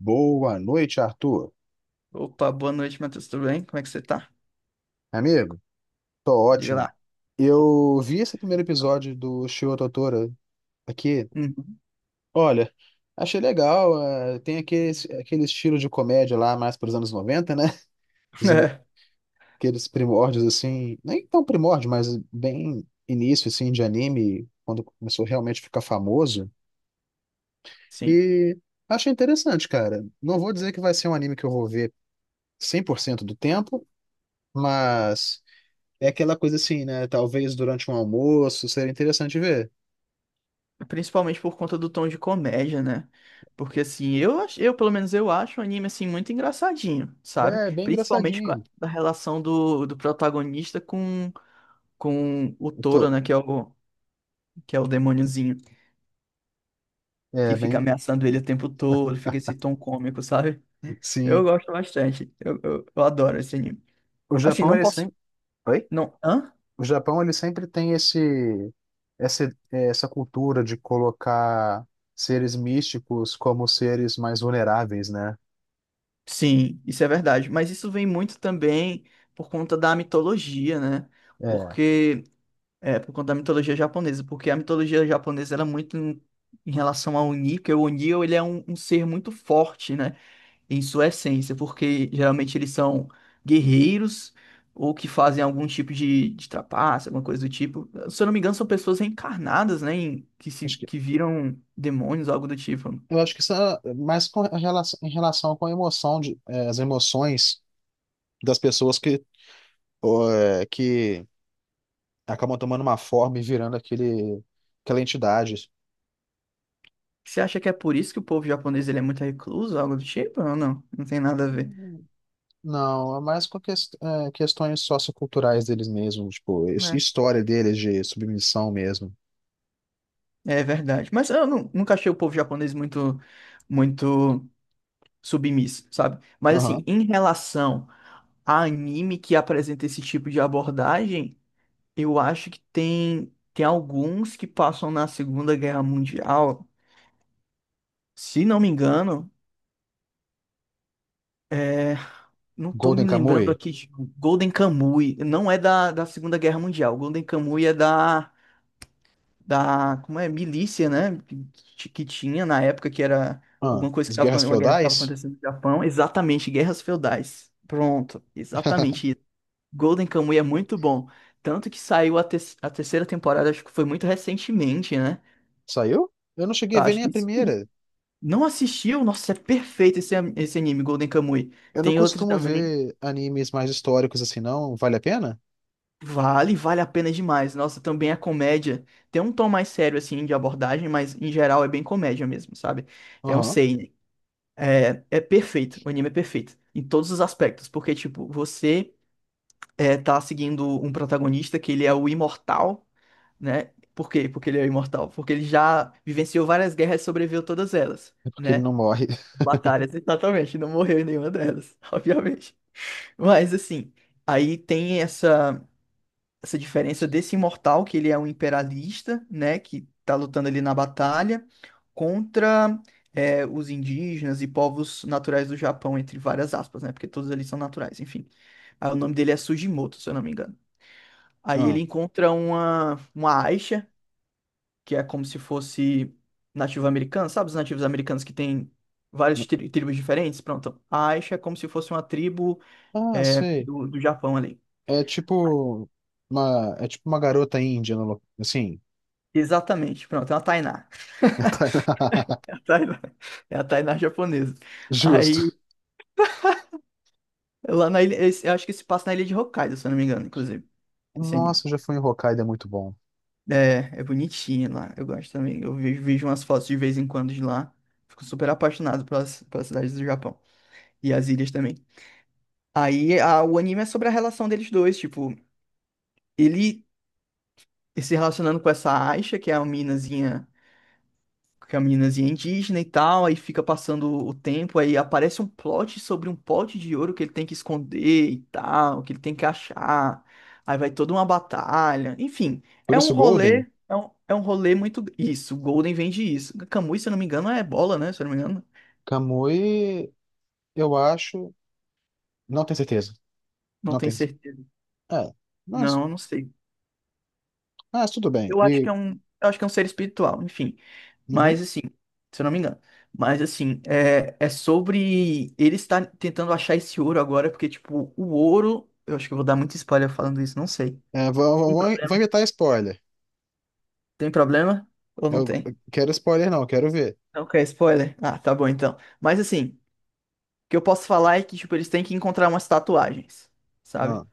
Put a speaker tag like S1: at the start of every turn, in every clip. S1: Boa noite, Arthur.
S2: Opa, boa noite, Matheus. Tudo bem? Como é que você tá?
S1: Amigo, tô
S2: Diga
S1: ótimo.
S2: lá.
S1: Eu vi esse primeiro episódio do Shio Totoro aqui.
S2: Uhum.
S1: Olha, achei legal. Tem aquele estilo de comédia lá, mais para os anos 90, né? Os ini-
S2: É,
S1: Aqueles primórdios, assim, nem tão primórdio, mas bem início, assim, de anime, quando começou realmente a ficar famoso.
S2: sim.
S1: E achei interessante, cara. Não vou dizer que vai ser um anime que eu vou ver 100% do tempo, mas. É aquela coisa assim, né? Talvez durante um almoço seria interessante ver.
S2: É, principalmente por conta do tom de comédia, né? Porque assim, eu pelo menos eu acho o anime assim muito engraçadinho, sabe?
S1: É, bem
S2: Principalmente com a,
S1: engraçadinho.
S2: da relação do protagonista com o
S1: Pô,
S2: touro, né? Que é o demôniozinho que
S1: é
S2: fica
S1: bem.
S2: ameaçando ele o tempo todo, fica esse tom cômico, sabe? Eu
S1: Sim.
S2: gosto bastante. Eu adoro esse anime.
S1: O
S2: Assim,
S1: Japão,
S2: não
S1: ele
S2: posso.
S1: sempre. Oi?
S2: Não. Hã?
S1: O Japão, ele sempre tem esse. Essa, é, essa cultura de colocar seres místicos como seres mais vulneráveis, né?
S2: Sim, isso é verdade. Mas isso vem muito também por conta da mitologia, né?
S1: É.
S2: Porque é por conta da mitologia japonesa, porque a mitologia japonesa ela é muito em relação ao Oni, que o Oni ele é um ser muito forte, né? Em sua essência, porque geralmente eles são guerreiros ou que fazem algum tipo de trapaça, alguma coisa do tipo. Se eu não me engano, são pessoas reencarnadas, né? em- que se
S1: Acho que,
S2: que viram demônios, algo do tipo.
S1: eu acho que isso é mais com relação, em relação com a emoção de, as emoções das pessoas que, ó, que acabam tomando uma forma e virando aquela entidade.
S2: Você acha que é por isso que o povo japonês ele é muito recluso, algo do tipo? Ou não? Não tem nada a ver.
S1: Hum, Não, é mais com questões socioculturais deles mesmos, tipo,
S2: Né?
S1: história deles de submissão mesmo.
S2: É verdade. Mas eu nunca achei o povo japonês muito, muito submisso, sabe? Mas assim,
S1: Aham.
S2: em relação a anime que apresenta esse tipo de abordagem, eu acho que tem alguns que passam na Segunda Guerra Mundial. Se não me engano, é, não tô me
S1: Golden
S2: lembrando
S1: Kamuy?
S2: aqui de Golden Kamuy. Não é da Segunda Guerra Mundial. Golden Kamuy é da, como é, milícia, né? Que tinha na época, que era
S1: Ah,
S2: alguma coisa que
S1: as
S2: estava,
S1: guerras
S2: uma guerra que estava
S1: feudais?
S2: acontecendo no Japão. Exatamente, guerras feudais. Pronto, exatamente isso. Golden Kamuy é muito bom. Tanto que saiu a terceira temporada, acho que foi muito recentemente, né?
S1: Saiu? Eu não cheguei
S2: Eu
S1: a ver
S2: acho
S1: nem a
S2: que sim.
S1: primeira.
S2: Não assistiu? Nossa, é perfeito esse anime, Golden Kamuy.
S1: Eu não
S2: Tem outro
S1: costumo
S2: também.
S1: ver animes mais históricos assim, não. Vale a pena?
S2: Vale a pena demais. Nossa, também é comédia. Tem um tom mais sério, assim, de abordagem, mas em geral é bem comédia mesmo, sabe? É um
S1: Aham.
S2: seinen. É perfeito, o anime é perfeito, em todos os aspectos, porque, tipo, você tá seguindo um protagonista que ele é o imortal, né? Por quê? Porque ele é o imortal, porque ele já vivenciou várias guerras e sobreviveu todas elas,
S1: É porque ele
S2: né?
S1: não morre.
S2: Batalhas, exatamente, não morreu em nenhuma delas, obviamente. Mas, assim, aí tem essa diferença desse imortal, que ele é um imperialista, né, que tá lutando ali na batalha, contra os indígenas e povos naturais do Japão, entre várias aspas, né, porque todos ali são naturais, enfim. Aí o nome dele é Sugimoto, se eu não me engano. Aí ele
S1: Ah,
S2: encontra uma, Aisha, que é como se fosse nativo americano, sabe os nativos americanos que tem várias tribos diferentes? Pronto, a Aisha é como se fosse uma tribo
S1: ah,
S2: é,
S1: sei.
S2: do, do Japão ali.
S1: É tipo é tipo uma garota índia, no assim.
S2: Exatamente, pronto, é uma Tainá. Tainá. É a Tainá japonesa.
S1: Justo.
S2: Aí, lá na ilha, eu acho que se passa na ilha de Hokkaido, se eu não me engano, inclusive, esse anime.
S1: Nossa, já fui em Hokkaido, é muito bom.
S2: É bonitinho lá, eu gosto também. Eu vejo umas fotos de vez em quando de lá. Fico super apaixonado pelas cidades do Japão. E as ilhas também. Aí, o anime é sobre a relação deles dois, tipo, ele se relacionando com essa Aisha, que é a minazinha, que a meninazinha é indígena e tal, aí fica passando o tempo, aí aparece um plot sobre um pote de ouro que ele tem que esconder e tal, que ele tem que achar. Aí vai toda uma batalha. Enfim,
S1: Por
S2: é um
S1: isso, Golden.
S2: rolê, é um rolê muito. Isso, o Golden vende isso. Camus, se eu não me engano, é bola, né? Se eu não me engano.
S1: Kamui, eu acho. Não tenho certeza.
S2: Não
S1: Não
S2: tenho
S1: tenho.
S2: certeza.
S1: É. Mas,
S2: Não, eu não sei.
S1: mas tudo bem.
S2: Eu acho que
S1: E,
S2: é um, eu acho que é um ser espiritual, enfim.
S1: uhum.
S2: Mas assim, se eu não me engano. Mas assim, é sobre ele estar tentando achar esse ouro agora, porque, tipo, o ouro. Eu acho que eu vou dar muito spoiler falando isso, não sei.
S1: É, vou, vou,
S2: Tem
S1: vou vou
S2: problema?
S1: inventar spoiler.
S2: Tem problema? Ou não
S1: Eu
S2: tem?
S1: eu quero spoiler, não, eu quero ver.
S2: Não quer spoiler? Ah, tá bom então. Mas assim, o que eu posso falar é que, tipo, eles têm que encontrar umas tatuagens, sabe?
S1: Ah,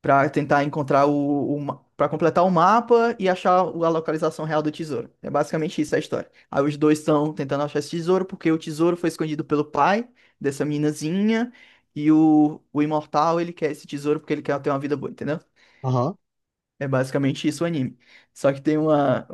S2: para tentar encontrar o, para completar o mapa e achar a localização real do tesouro. É basicamente isso a história. Aí os dois estão tentando achar esse tesouro porque o tesouro foi escondido pelo pai dessa meninazinha e o imortal ele quer esse tesouro porque ele quer ter uma vida boa, entendeu?
S1: aham.
S2: É basicamente isso o anime. Só que tem uma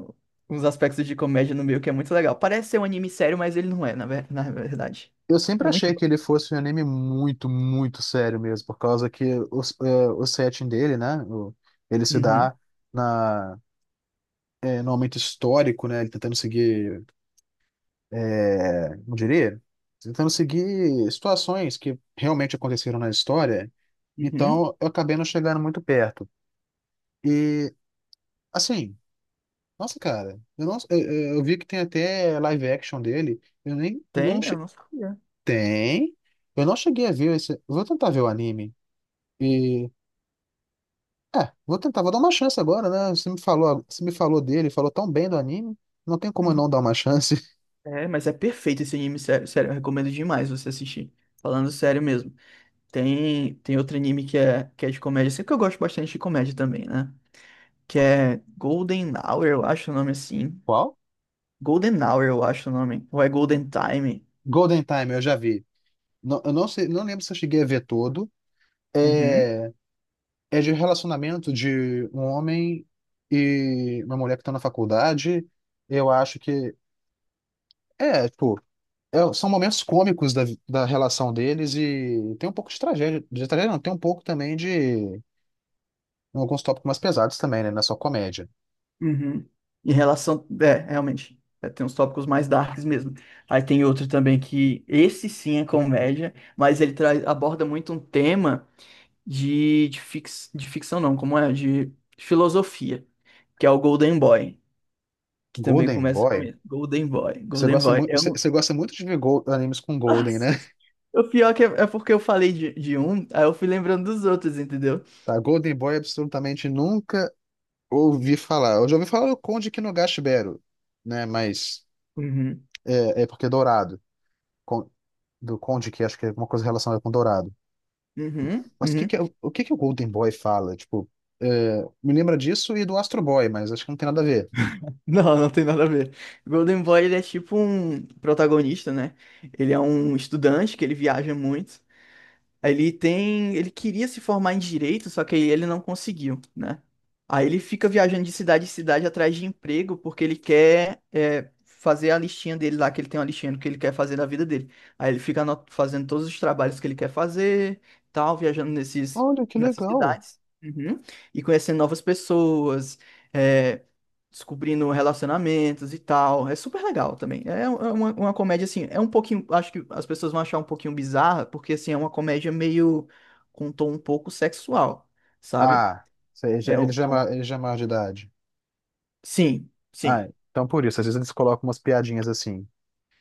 S2: uns aspectos de comédia no meio que é muito legal. Parece ser um anime sério, mas ele não é, na verdade.
S1: Eu sempre
S2: É muito
S1: achei
S2: bom.
S1: que ele fosse um anime muito, muito sério mesmo, por causa que o setting dele, né? Ele se
S2: Uhum,
S1: dá na, no momento histórico, né? Ele tá tentando seguir. É, como diria? Tentando seguir situações que realmente aconteceram na história.
S2: uhum.
S1: Então, eu acabei não chegando muito perto. E, assim, nossa, cara, eu, não, eu vi que tem até live action dele. Eu nem, não,
S2: Tem, eu não sabia.
S1: tem? Eu não cheguei a ver esse, vou tentar ver o anime. E, vou tentar, vou dar uma chance agora, né? Você me falou dele, falou tão bem do anime, não tem como eu
S2: Uhum.
S1: não dar uma chance.
S2: É, mas é perfeito esse anime, sério, sério, eu recomendo demais você assistir. Falando sério mesmo. Tem outro anime que é de comédia, sempre que eu gosto bastante de comédia também, né? Que é Golden Hour, eu acho o nome assim.
S1: Qual?
S2: Golden Hour, eu acho o nome. Ou é Golden Time.
S1: Golden Time, eu já vi. Não, eu não sei, não lembro se eu cheguei a ver todo.
S2: Uhum,
S1: É, É de relacionamento de um homem e uma mulher que estão na faculdade. Eu acho que. É, tipo. São momentos cômicos da relação deles e tem um pouco de tragédia. De tragédia, não, tem um pouco também de. Alguns tópicos mais pesados também, né? Não é só comédia.
S2: uhum. Em relação. É, realmente. Tem uns tópicos mais darks mesmo. Aí tem outro também que. Esse sim é comédia, mas ele traz, aborda muito um tema de ficção não, como é? De filosofia, que é o Golden Boy, que também
S1: Golden
S2: começa com
S1: Boy.
S2: ele. Golden Boy,
S1: Você
S2: Golden
S1: gosta
S2: Boy.
S1: muito,
S2: Eu
S1: você
S2: não...
S1: você gosta muito de ver animes com Golden, né?
S2: Nossa, o pior que é porque eu falei de um, aí eu fui lembrando dos outros, entendeu?
S1: Tá, Golden Boy absolutamente nunca ouvi falar. Eu já ouvi falar do Conde Kinogashibero, né? Mas
S2: Uhum.
S1: é porque é dourado. Do Conde, que acho que é alguma coisa relacionada com Dourado.
S2: Uhum,
S1: Mas o que
S2: uhum.
S1: que é, o que que o Golden Boy fala? Tipo, me lembra disso e do Astro Boy, mas acho que não tem nada a ver.
S2: Não, não tem nada a ver. Golden Boy, ele é tipo um protagonista, né? Ele é um estudante que ele viaja muito. Ele queria se formar em direito, só que aí ele não conseguiu, né? Aí ele fica viajando de cidade em cidade atrás de emprego, porque ele quer fazer a listinha dele lá, que ele tem uma listinha do que ele quer fazer da vida dele. Aí ele fica fazendo todos os trabalhos que ele quer fazer, tal, viajando nesses,
S1: Olha, que
S2: nessas
S1: legal.
S2: cidades, uhum, e conhecendo novas pessoas, é, descobrindo relacionamentos e tal. É super legal também. É uma comédia, assim, é um pouquinho. Acho que as pessoas vão achar um pouquinho bizarra, porque, assim, é uma comédia meio com um tom um pouco sexual, sabe?
S1: Ah, ele já,
S2: É
S1: ele
S2: um
S1: já, é ma-
S2: tom.
S1: ele já é maior de idade.
S2: Sim, sim.
S1: Ah, então por isso, às vezes eles colocam umas piadinhas assim.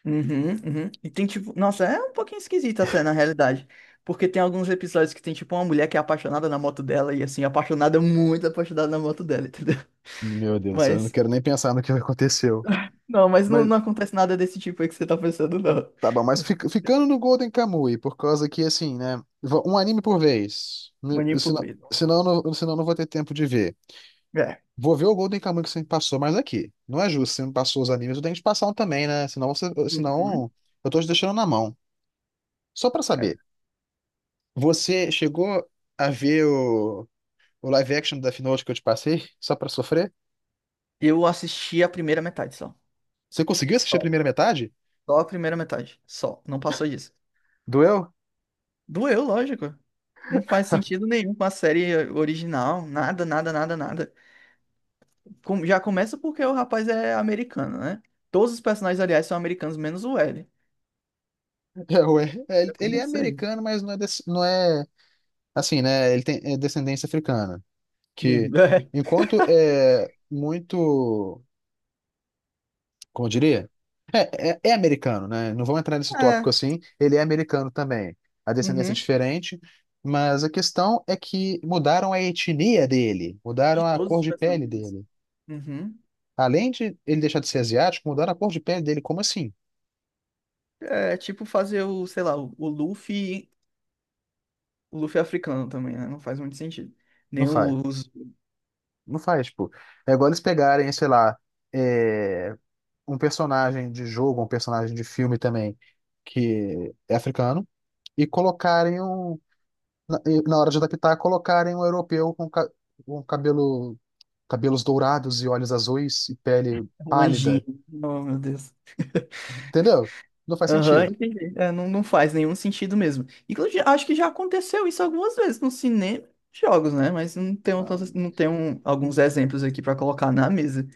S2: Uhum, uhum. E tem tipo. Nossa, é um pouquinho esquisito até, na realidade. Porque tem alguns episódios que tem, tipo, uma mulher que é apaixonada na moto dela, e assim, apaixonada, muito apaixonada na moto dela, entendeu?
S1: Meu Deus, eu não
S2: Mas.
S1: quero nem pensar no que aconteceu.
S2: Não, mas não,
S1: Mas
S2: não acontece nada desse tipo aí que você tá pensando, não.
S1: tá bom, mas ficando no Golden Kamuy, por causa que assim, né? Um anime por vez. Né,
S2: Mas nem por
S1: Senão,
S2: medo.
S1: senão eu não vou ter tempo de ver.
S2: É.
S1: Vou ver o Golden Kamuy que você me passou, mas aqui. Não é justo, você me passou os animes, eu tenho que te passar um também, né? Senão, você,
S2: Uhum.
S1: senão eu tô te deixando na mão. Só pra saber,
S2: É.
S1: você chegou a ver o live action da Death Note que eu te passei, só pra sofrer?
S2: Eu assisti a primeira metade só.
S1: Você conseguiu assistir a
S2: Só.
S1: primeira metade?
S2: Só a primeira metade. Só. Não passou disso.
S1: Doeu?
S2: Doeu, lógico. Não faz sentido nenhum com a série original. Nada, nada, nada, nada. Já começa porque o rapaz é americano, né? Todos os personagens, aliás, são americanos, menos o L.
S1: É, ué. É, Ele
S2: Já
S1: ele é
S2: comecei.
S1: americano, mas não é assim, né? Ele tem é descendência africana.
S2: Hum,
S1: Que enquanto é muito, como eu diria? É americano, né? Não vamos entrar nesse
S2: É.
S1: tópico
S2: É.
S1: assim. Ele é americano também. A descendência é
S2: Uhum.
S1: diferente, mas a questão é que mudaram a etnia dele,
S2: De
S1: mudaram a
S2: todos
S1: cor
S2: os
S1: de pele
S2: personagens.
S1: dele.
S2: Uhum.
S1: Além de ele deixar de ser asiático, mudaram a cor de pele dele. Como assim?
S2: É tipo fazer o, sei lá, o Luffy, o Luffy africano também, né? Não faz muito sentido.
S1: Não
S2: Nem
S1: faz.
S2: os.
S1: Não faz, tipo. É igual eles pegarem, sei lá, é, um personagem de jogo, um personagem de filme também, que é africano, e colocarem um. Na, e na hora de adaptar, colocarem um europeu com, um cabelos dourados e olhos azuis e pele
S2: Um
S1: pálida.
S2: anjinho. Oh, meu Deus.
S1: Entendeu? Não faz
S2: Aham,
S1: sentido.
S2: entendi. É, não, não faz nenhum sentido mesmo. Inclusive, acho que já aconteceu isso algumas vezes no cinema e jogos, né? Mas não tenho alguns exemplos aqui pra colocar na mesa.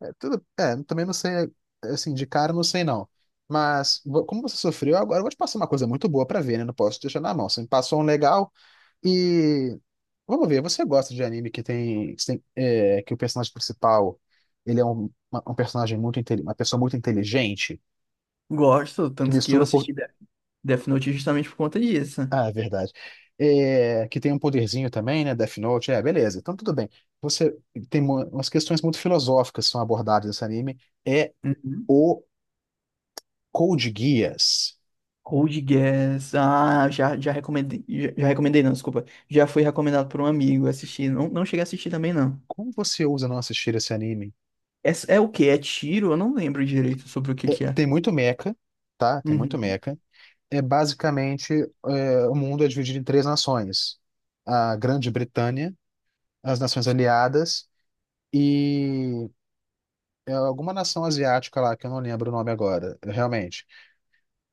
S1: É, tudo, também não sei, assim, de cara não sei não. Mas como você sofreu, agora eu vou te passar uma coisa muito boa pra ver, né? Não posso te deixar na mão. Você me passou um legal e vamos ver, você gosta de anime que tem, que o personagem principal, ele é um personagem uma pessoa muito inteligente,
S2: Gosto,
S1: que
S2: tanto que eu
S1: mistura um pouco.
S2: assisti Death Note justamente por conta disso.
S1: Ah, é verdade. É, que tem um poderzinho também, né? Death Note, é, beleza. Então, tudo bem. Você tem umas questões muito filosóficas que são abordadas nesse anime. É
S2: Uhum.
S1: o Code Geass.
S2: Code Geass. Ah, já recomendei. Já recomendei, não, desculpa. Já foi recomendado por um amigo assistir. Não, não cheguei a assistir também, não.
S1: Como você ousa não assistir esse anime?
S2: É o quê? É tiro? Eu não lembro direito sobre o que
S1: É,
S2: que é.
S1: tem muito mecha, tá? Tem muito
S2: Uhum.
S1: mecha. É basicamente, o mundo é dividido em três nações: a Grande Bretanha, as Nações Aliadas e alguma nação asiática lá que eu não lembro o nome agora, realmente.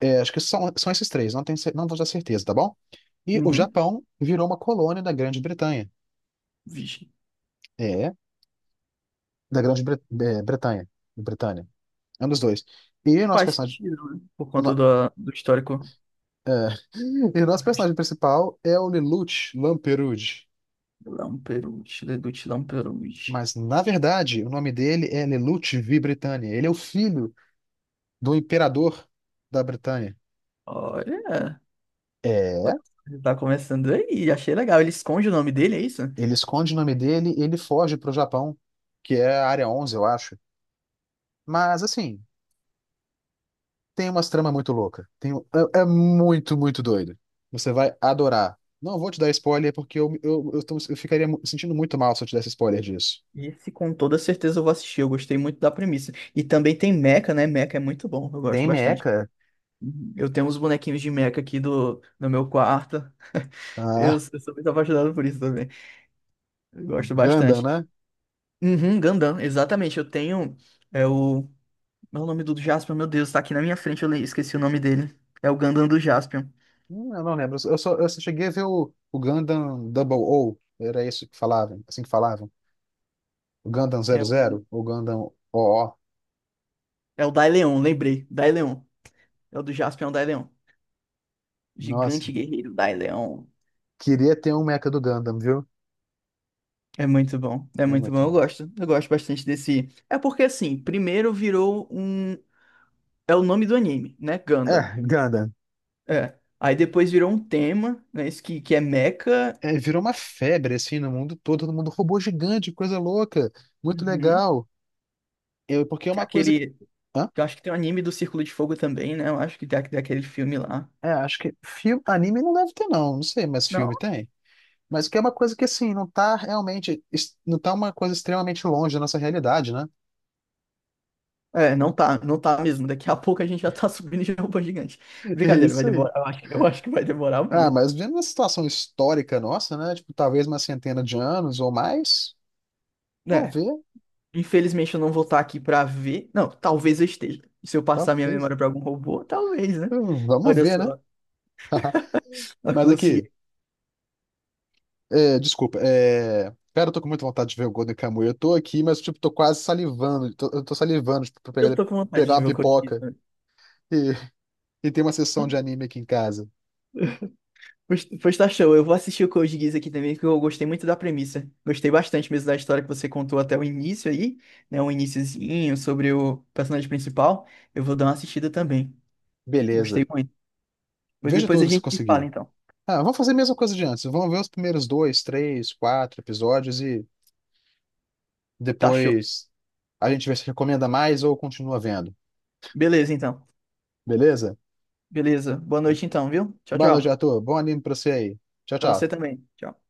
S1: É, acho que são esses três, não tenho, não vou dar certeza, tá bom? E o
S2: Uhum.
S1: Japão virou uma colônia da Grande Bretanha.
S2: Vixe.
S1: É, da Grande Bretanha. Britânia. É um dos dois. E o nosso
S2: Faz
S1: personagem,
S2: sentido, né? Por
S1: o
S2: conta
S1: no-
S2: do histórico.
S1: e o nosso personagem principal é o Lelouch Lamperouge.
S2: Castelão Peruche, Leduc Lamperuche.
S1: Mas, na verdade, o nome dele é Lelouch V. Britannia. Ele é o filho do imperador da Bretanha.
S2: Olha,
S1: É,
S2: tá começando aí, achei legal. Ele esconde o nome dele, é isso?
S1: ele esconde o nome dele e ele foge para o Japão, que é a Área 11, eu acho. Mas, assim, tem umas tramas muito loucas. É muito, muito doido. Você vai adorar. Não vou te dar spoiler porque eu ficaria sentindo muito mal se eu te desse spoiler disso.
S2: Esse com toda certeza eu vou assistir, eu gostei muito da premissa. E também tem Mecha, né? Mecha é muito bom, eu gosto
S1: Tem
S2: bastante.
S1: meca?
S2: Uhum. Eu tenho uns bonequinhos de Mecha aqui no meu quarto. Eu,
S1: Ah,
S2: eu sou muito apaixonado por isso também. Eu gosto
S1: Gundam,
S2: bastante.
S1: né?
S2: Uhum, Gundam, exatamente. Eu tenho é, o Mas o nome do Jaspion, meu Deus, tá aqui na minha frente, eu esqueci o nome dele. É o Gundam do Jaspion.
S1: Eu não lembro. Eu só cheguei a ver o Gundam Double O. Era isso que falavam, assim que falavam. O Gundam
S2: É
S1: zero
S2: o,
S1: zero, o Gundam O.
S2: é o Daileon, lembrei. Daileon. É o do Jaspion Daileon.
S1: Nossa,
S2: Gigante guerreiro Daileon.
S1: queria ter um meca do Gundam, viu?
S2: É
S1: É
S2: muito bom,
S1: muito
S2: eu
S1: bom.
S2: gosto. Eu gosto bastante desse. É porque assim, primeiro virou um. É o nome do anime, né? Gundam.
S1: É, Gundam.
S2: É. Aí depois virou um tema, né? Isso que é Mecha.
S1: É, virou uma febre, assim, no mundo todo, todo mundo, robô gigante, coisa louca, muito
S2: Uhum.
S1: legal. Eu, porque é
S2: Que é
S1: uma coisa que.
S2: aquele.
S1: Hã?
S2: Eu acho que tem um anime do Círculo de Fogo também, né? Eu acho que tem aquele filme lá.
S1: É, acho que filme, anime não deve ter, não, não sei, mas filme tem. Mas que é uma coisa que, assim, não tá realmente. Não tá uma coisa extremamente longe da nossa realidade, né?
S2: É, não tá mesmo. Daqui a pouco a gente já tá subindo de robô gigante.
S1: É
S2: Brincadeira, vai
S1: isso aí.
S2: demorar. Eu acho que vai demorar
S1: Ah,
S2: muito.
S1: mas vendo uma situação histórica nossa, né? Tipo, talvez uma centena de anos ou mais. Vamos
S2: Né?
S1: ver,
S2: Infelizmente eu não vou estar aqui pra ver. Não, talvez eu esteja. Se eu passar minha
S1: talvez.
S2: memória pra algum robô, talvez, né?
S1: Vamos
S2: Olha
S1: ver, né?
S2: só, eu
S1: Mas
S2: consegui.
S1: aqui. É, desculpa, Cara, eu tô com muita vontade de ver o Golden Kamuy. Eu tô aqui, mas, tipo, tô quase salivando. Eu tô salivando, tipo, pra
S2: Eu
S1: pegar,
S2: tô com vontade
S1: pegar
S2: de
S1: uma
S2: ver o Code Geass,
S1: pipoca
S2: né?
S1: e, e ter uma sessão de anime aqui em casa.
S2: Pois tá show, eu vou assistir o Code Geass aqui também, que eu gostei muito da premissa. Gostei bastante mesmo da história que você contou até o início aí, né? Um iniciozinho sobre o personagem principal. Eu vou dar uma assistida também.
S1: Beleza.
S2: Gostei muito. Mas
S1: Veja
S2: depois a
S1: tudo se
S2: gente se fala,
S1: conseguir.
S2: então.
S1: Ah, vamos fazer a mesma coisa de antes. Vamos ver os primeiros dois, três, quatro episódios e
S2: Tá show.
S1: depois a gente vê se recomenda mais ou continua vendo.
S2: Beleza, então.
S1: Beleza?
S2: Beleza. Boa noite, então, viu? Tchau,
S1: Boa noite,
S2: tchau.
S1: Arthur. Bom anime pra você aí. Tchau,
S2: Pra você
S1: tchau.
S2: também. Tchau.